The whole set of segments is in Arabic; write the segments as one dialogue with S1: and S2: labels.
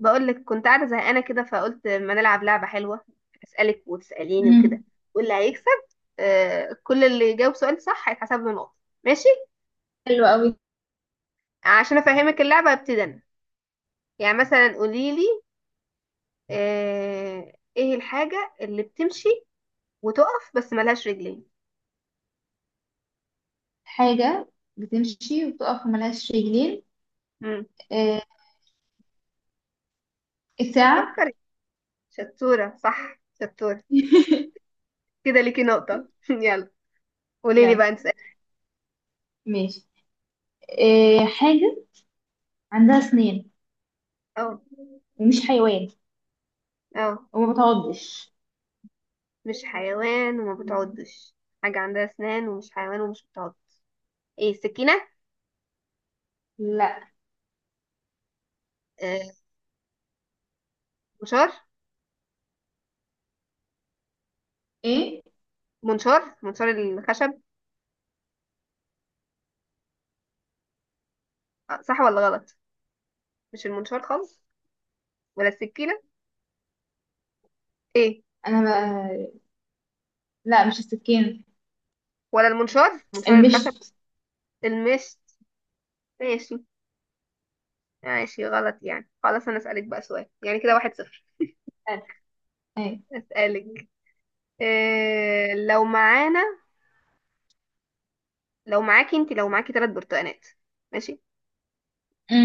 S1: بقول لك كنت قاعده زهقانه كده، فقلت ما نلعب لعبه حلوه. اسالك وتساليني
S2: مم.
S1: وكده، واللي هيكسب كل اللي يجاوب سؤال صح هيتحسب له نقطه. ماشي.
S2: حلو قوي.
S1: عشان افهمك اللعبه ابتدي انا. يعني مثلا قولي لي ايه الحاجه اللي بتمشي وتقف بس ملهاش رجلين؟
S2: حاجة بتمشي وتقف وملهاش رجلين.
S1: امم
S2: آه. الساعة.
S1: فكري. شطوره، صح، شطوره. كده ليكي نقطه. يلا قولي لي
S2: يلا،
S1: بقى، انت اسالي.
S2: ماشي. آه. حاجة عندها سنين
S1: اه،
S2: ومش حيوان
S1: اه.
S2: وما بتعضش.
S1: مش حيوان وما بتعضش. حاجه عندها اسنان ومش حيوان ومش بتعض. ايه، السكينه؟
S2: لا،
S1: آه، منشار.
S2: ايه.
S1: منشار الخشب. آه، صح ولا غلط؟ مش المنشار خالص ولا السكينة؟ ايه؟
S2: انا بقى... لا مش السكين،
S1: ولا المنشار، منشار الخشب.
S2: المشط.
S1: المشت. ماشي، ماشي غلط يعني. خلاص، انا اسألك بقى سؤال يعني كده، واحد صفر.
S2: آه. ايه.
S1: اسألك، إيه لو معانا، لو معاكي انت، لو معاكي ثلاث برتقانات. ماشي؟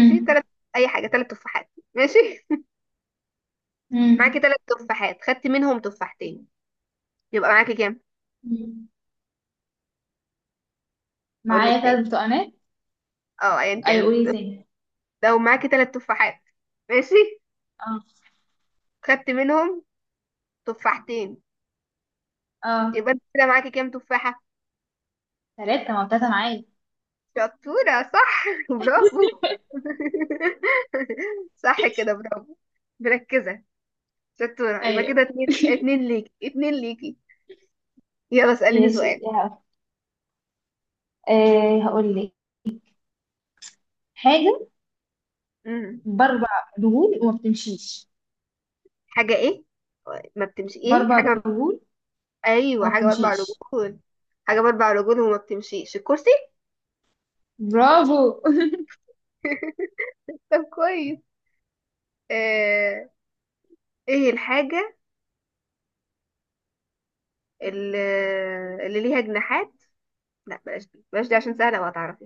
S1: ماشي، ثلاث، اي حاجة، ثلاث تفاحات. ماشي؟ معاكي
S2: مم.
S1: ثلاث تفاحات، خدتي منهم تفاحتين، يبقى معاكي كام؟
S2: مم.
S1: هقول لك
S2: معايا ثلاث
S1: تاني.
S2: برتقانات.
S1: اه، ايا
S2: ايوه
S1: كان.
S2: قولي تاني.
S1: لو معاكي ثلاث تفاحات، ماشي،
S2: اه
S1: خدت منهم تفاحتين،
S2: اه،
S1: يبقى انت كده معاكي كام تفاحة؟
S2: ثلاثة، ما هو تلاتة معايا.
S1: شطورة، صح. برافو. صح كده، برافو. مركزة، شطورة. يبقى
S2: ايوه.
S1: كده اتنين اتنين، ليكي اتنين، ليكي. يلا اسأليني
S2: ماشي.
S1: سؤال.
S2: آه. هقول لك حاجة
S1: امم
S2: بربع دهون وما بتمشيش.
S1: حاجة ايه؟ ما بتمشي، ايه
S2: بربع
S1: حاجة ما... بت-
S2: دهون
S1: ايوه،
S2: وما
S1: حاجة بأربع
S2: بتمشيش.
S1: رجول. حاجة بأربع رجول وما بتمشيش، الكرسي.
S2: برافو.
S1: طب كويس. آه... ايه الحاجة اللي, اللي ليها جناحات؟ لا، بلاش دي، بلاش دي عشان سهلة وهتعرفي.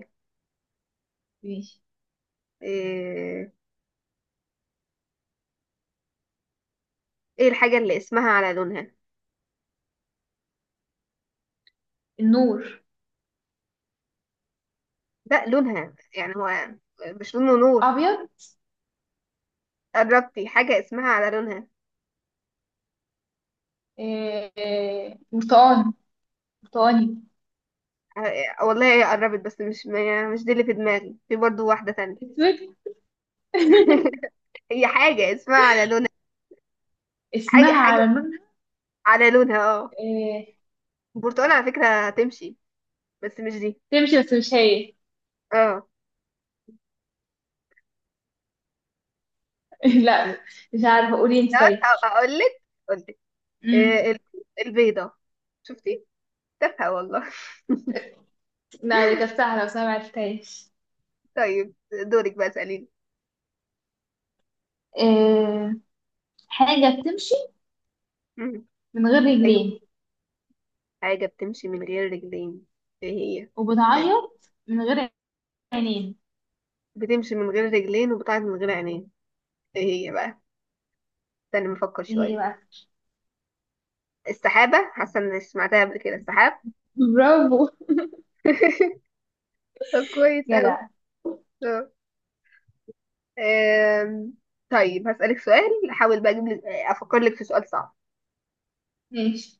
S2: ماشي.
S1: إيه, ايه الحاجة اللي اسمها على لونها؟
S2: النور.
S1: لا، لونها يعني هو، مش لون ونور.
S2: أبيض.
S1: قربتي، حاجة اسمها على لونها.
S2: برتقاني. برتقاني.
S1: آه، والله هي قربت بس مش، ما مش دي اللي في دماغي، في برضو واحدة تانية.
S2: أسود.
S1: هي حاجة اسمها على لونها. حاجة،
S2: اسمها على
S1: حاجة
S2: لونها.
S1: على لونها، اه.
S2: آه،
S1: البرتقال على فكرة هتمشي بس مش دي.
S2: تمشي بس مش هي.
S1: اه.
S2: لا، مش عارفة، قولي انت طيب.
S1: اقول لك اقول
S2: مم.
S1: لك البيضة. شفتي؟ تافهة والله.
S2: لا دي كانت سهلة بس أنا معرفتهاش.
S1: طيب دورك بقى، اسأليني.
S2: آه، حاجة بتمشي
S1: مم.
S2: من غير
S1: أيوة.
S2: رجلين
S1: حاجة بتمشي من غير رجلين. ايه هي؟ تاني.
S2: وبتعيط من غير عينين.
S1: بتمشي من غير رجلين وبتعد من غير عينين. ايه هي بقى؟ تاني، مفكر
S2: ايه هي
S1: شوية.
S2: بقى؟
S1: السحابة، حاسة اني سمعتها قبل كده، السحاب.
S2: برافو.
S1: طب كويس اوي.
S2: جدع.
S1: طب، آم، طيب هسألك سؤال، احاول بقى اجيب لك، افكر لك في سؤال صعب.
S2: ماشي.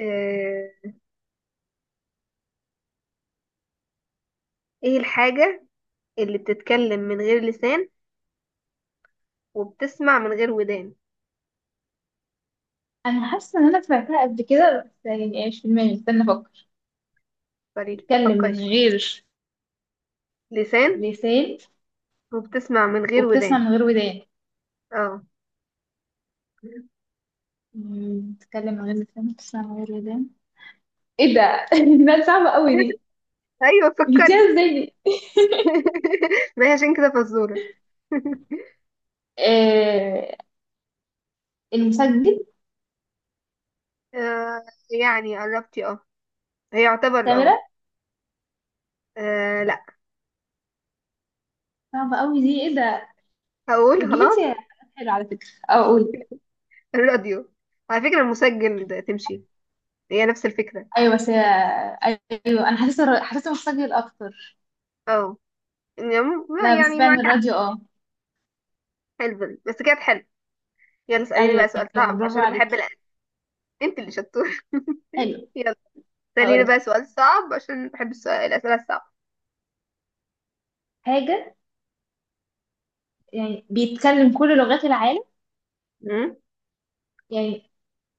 S1: آه، ايه الحاجة اللي بتتكلم من غير لسان وبتسمع من غير ودان؟
S2: انا حاسه ان انا سمعتها قبل كده، بس يعني ايش في دماغي، استنى افكر.
S1: فريد،
S2: بتتكلم
S1: فكري
S2: من
S1: شوية.
S2: غير
S1: لسان،
S2: لسان
S1: وبتسمع من غير
S2: وبتسمع
S1: ودان.
S2: من غير ودان.
S1: اه.
S2: بتتكلم من غير لسان وبتسمع من غير ودان. ايه ده؟ ده صعبه قوي دي.
S1: ايوه
S2: جبتيها
S1: فكري.
S2: ازاي دي؟
S1: ما هي عشان كده فزورة.
S2: آه، المسجل.
S1: آه. يعني قربتي، اه. هي يعتبر، اه.
S2: كاميرا.
S1: آه، لا.
S2: صعبه قوي دي، ايه ده.
S1: هقول
S2: بتجيب انت
S1: خلاص،
S2: حاجات حلوه على فكره، او اقول.
S1: الراديو. على فكرة المسجل ده تمشي، هي نفس الفكرة.
S2: ايوه بس ايوه انا حاسه حاسه المسجل اكتر.
S1: اه يعني،
S2: لا بس
S1: يعني معك
S2: فعلا
S1: حق.
S2: الراديو. اه
S1: حلو، بس كانت حلو. يلا اسأليني بقى
S2: ايوه.
S1: سؤال صعب،
S2: برافو
S1: عشان انا بحب
S2: عليكي.
S1: الأسئلة. انت اللي شطور.
S2: حلو.
S1: يلا اسأليني
S2: هقول
S1: بقى
S2: لك
S1: سؤال صعب، عشان بحب الأسئلة الصعبة.
S2: حاجه يعني بيتكلم كل لغات العالم.
S1: أمم.
S2: يعني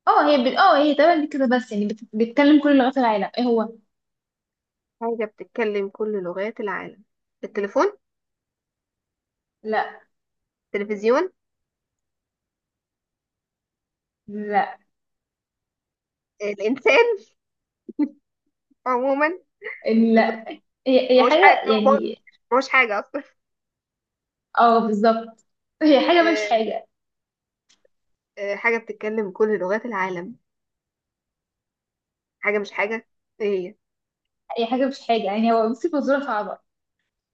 S2: اه هي تمام كده، بس يعني بيتكلم كل لغات العالم، ايه هو.
S1: حاجة بتتكلم كل لغات العالم. التليفون؟
S2: لا.
S1: التلفزيون؟
S2: لا.
S1: الإنسان عموما؟ أظن-
S2: لا. هي,
S1: ما
S2: هي
S1: هوش حاجة،
S2: حاجة
S1: ما
S2: يعني.
S1: هوش حاجة.
S2: اه بالظبط. هي حاجة مش
S1: آه،
S2: حاجة.
S1: آه، حاجة بتتكلم كل لغات العالم، حاجة مش حاجة. ايه؟
S2: هي حاجة مش حاجة يعني. هو بصي فزورة صعبة.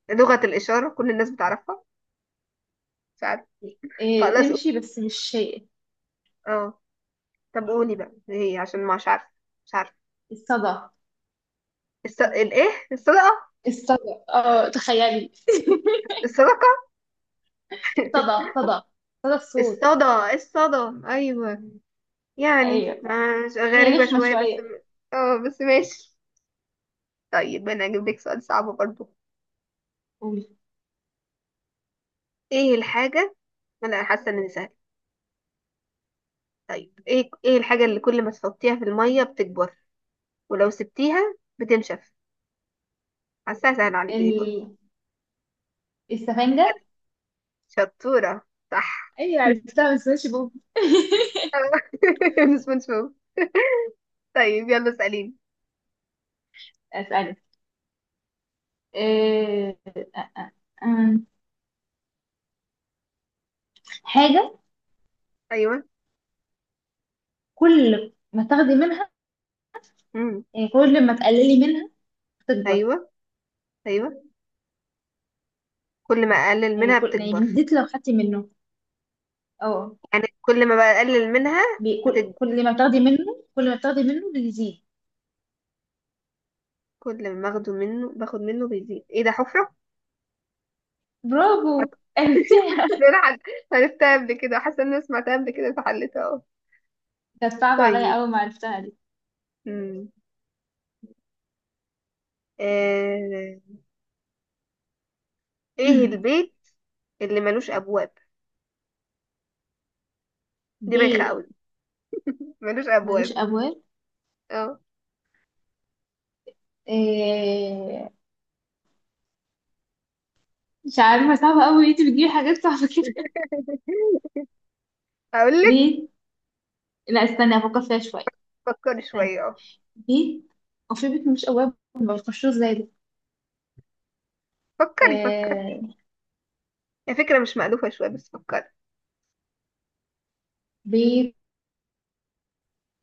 S1: هي لغة الإشارة، كل الناس بتعرفها. مش عارفة.
S2: إيه
S1: خلاص قول-
S2: تمشي بس مش شيء.
S1: اه. طب قولي بقى ايه هي، عشان مش عارفة، مش عارفة.
S2: الصدى.
S1: الص... الايه، الصدقة؟
S2: الصدى، اه تخيلي.
S1: الصدقة.
S2: صدى صدى صدى الصوت.
S1: الصدى، الصدى، ايوه. يعني
S2: ايوه
S1: مش
S2: هي
S1: غريبة
S2: رخمة
S1: شوية بس
S2: شوية.
S1: اه، بس ماشي. طيب انا هجيب لك سؤال صعب برضو.
S2: قولي.
S1: ايه الحاجة، انا حاسة ان سهل، طيب ايه، ايه الحاجة اللي كل ما تحطيها في المية بتكبر، ولو سبتيها بتنشف؟ حاسة هسهل عليكي دي برضه.
S2: ال... السفنجة.
S1: شطورة، صح.
S2: ايوه عرفتها بس ماشي بوب.
S1: من سبونج بوب. طيب يلا اسأليني.
S2: اسألي. آه، آه، آه، آه، آه. حاجة
S1: أيوه.
S2: كل ما تاخدي منها،
S1: امم
S2: يعني كل ما تقللي منها تكبر.
S1: أيوه، أيوه. كل ما أقلل
S2: يعني
S1: منها
S2: كل، يعني
S1: بتكبر.
S2: بيزيد لو خدتي منه. اه
S1: يعني كل ما بقلل منها
S2: بي- كل
S1: بتكبر.
S2: كل ما بتاخدي منه، بيزيد
S1: كل ما باخده منه، باخد منه بيزيد، إيه ده، حفرة؟
S2: برافو.
S1: حاسة، حاسة
S2: عرفتيها.
S1: إن أنا عرفتها قبل كده، حاسة إن أنا سمعتها قبل كده فحلتها أهو.
S2: كانت صعبة عليا
S1: طيب.
S2: أول ما عرفتها دي.
S1: امم آه... إيه البيت اللي ملوش أبواب؟ دي بايخة أوي.
S2: بيت
S1: ملوش
S2: ملوش
S1: أبواب.
S2: أبواب.
S1: اه.
S2: آه، مش عارفة، صعبة أوي، انتي بتجيبي حاجات صعبة كده.
S1: أقول لك.
S2: بيت. لا استني أفكر فيها شوية.
S1: فكري
S2: استني.
S1: شوية، اه.
S2: بيت. وفي بيت ملوش أبواب ما بتخشوش زي ده.
S1: فكري، فكري.
S2: آه،
S1: هي فكرة مش مألوفة شوية بس فكري.
S2: بيت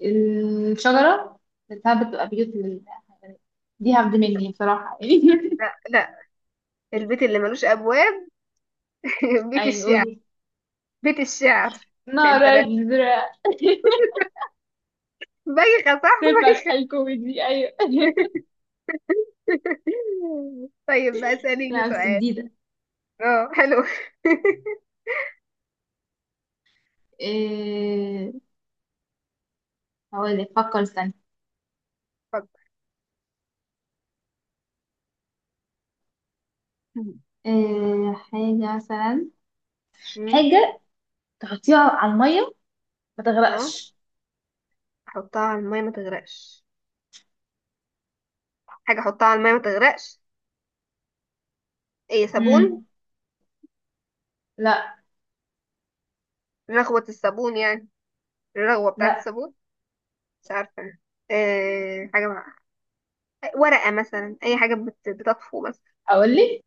S2: الشجرة، بتاعت بتبقى بيوت للحيوانات. دي هبد مني بصراحة يعني.
S1: لا لا، البيت اللي ملوش أبواب. بيت
S2: أيوة
S1: الشعر.
S2: قولي.
S1: بيت الشعر.
S2: نار
S1: انت رأي-
S2: أزرق.
S1: بايخة، صح،
S2: تنفع
S1: بايخة.
S2: شحال كوميدي، أيوة.
S1: طيب بقى اسأليني
S2: لا بس
S1: سؤال.
S2: جديدة.
S1: اه حلو.
S2: إيه. هقولك، فكر استنى.
S1: فكري.
S2: إيه حاجة مثلا.
S1: أمم،
S2: حاجة تحطيها على المية ما
S1: اه،
S2: تغرقش.
S1: احطها على المية ما تغرقش. حاجة احطها على المية ما تغرقش. ايه، صابون؟
S2: مم. لا.
S1: رغوة الصابون يعني، الرغوة بتاعة
S2: لا.
S1: الصابون. مش عارفة أنا. إيه حاجة ورقة مثلا، أي حاجة بتطفو مثلا.
S2: أقولك.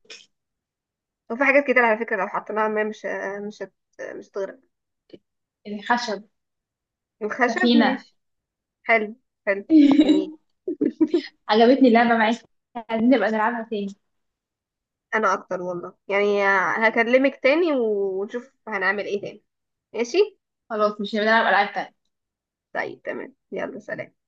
S1: وفي حاجات كتير على فكرة لو حطيناها ما مش، مش هت... مش هتغرق.
S2: الخشب.
S1: الخشب،
S2: سفينة.
S1: ماشي. حلو، حلو، جميل.
S2: عجبتني اللعبة معاك. عايزين نبقى نلعبها تاني.
S1: انا اكتر والله يعني. هكلمك تاني ونشوف هنعمل ايه تاني. ماشي.
S2: خلاص، مش هنبقى نلعب ألعاب تانية.
S1: طيب تمام، يلا سلام.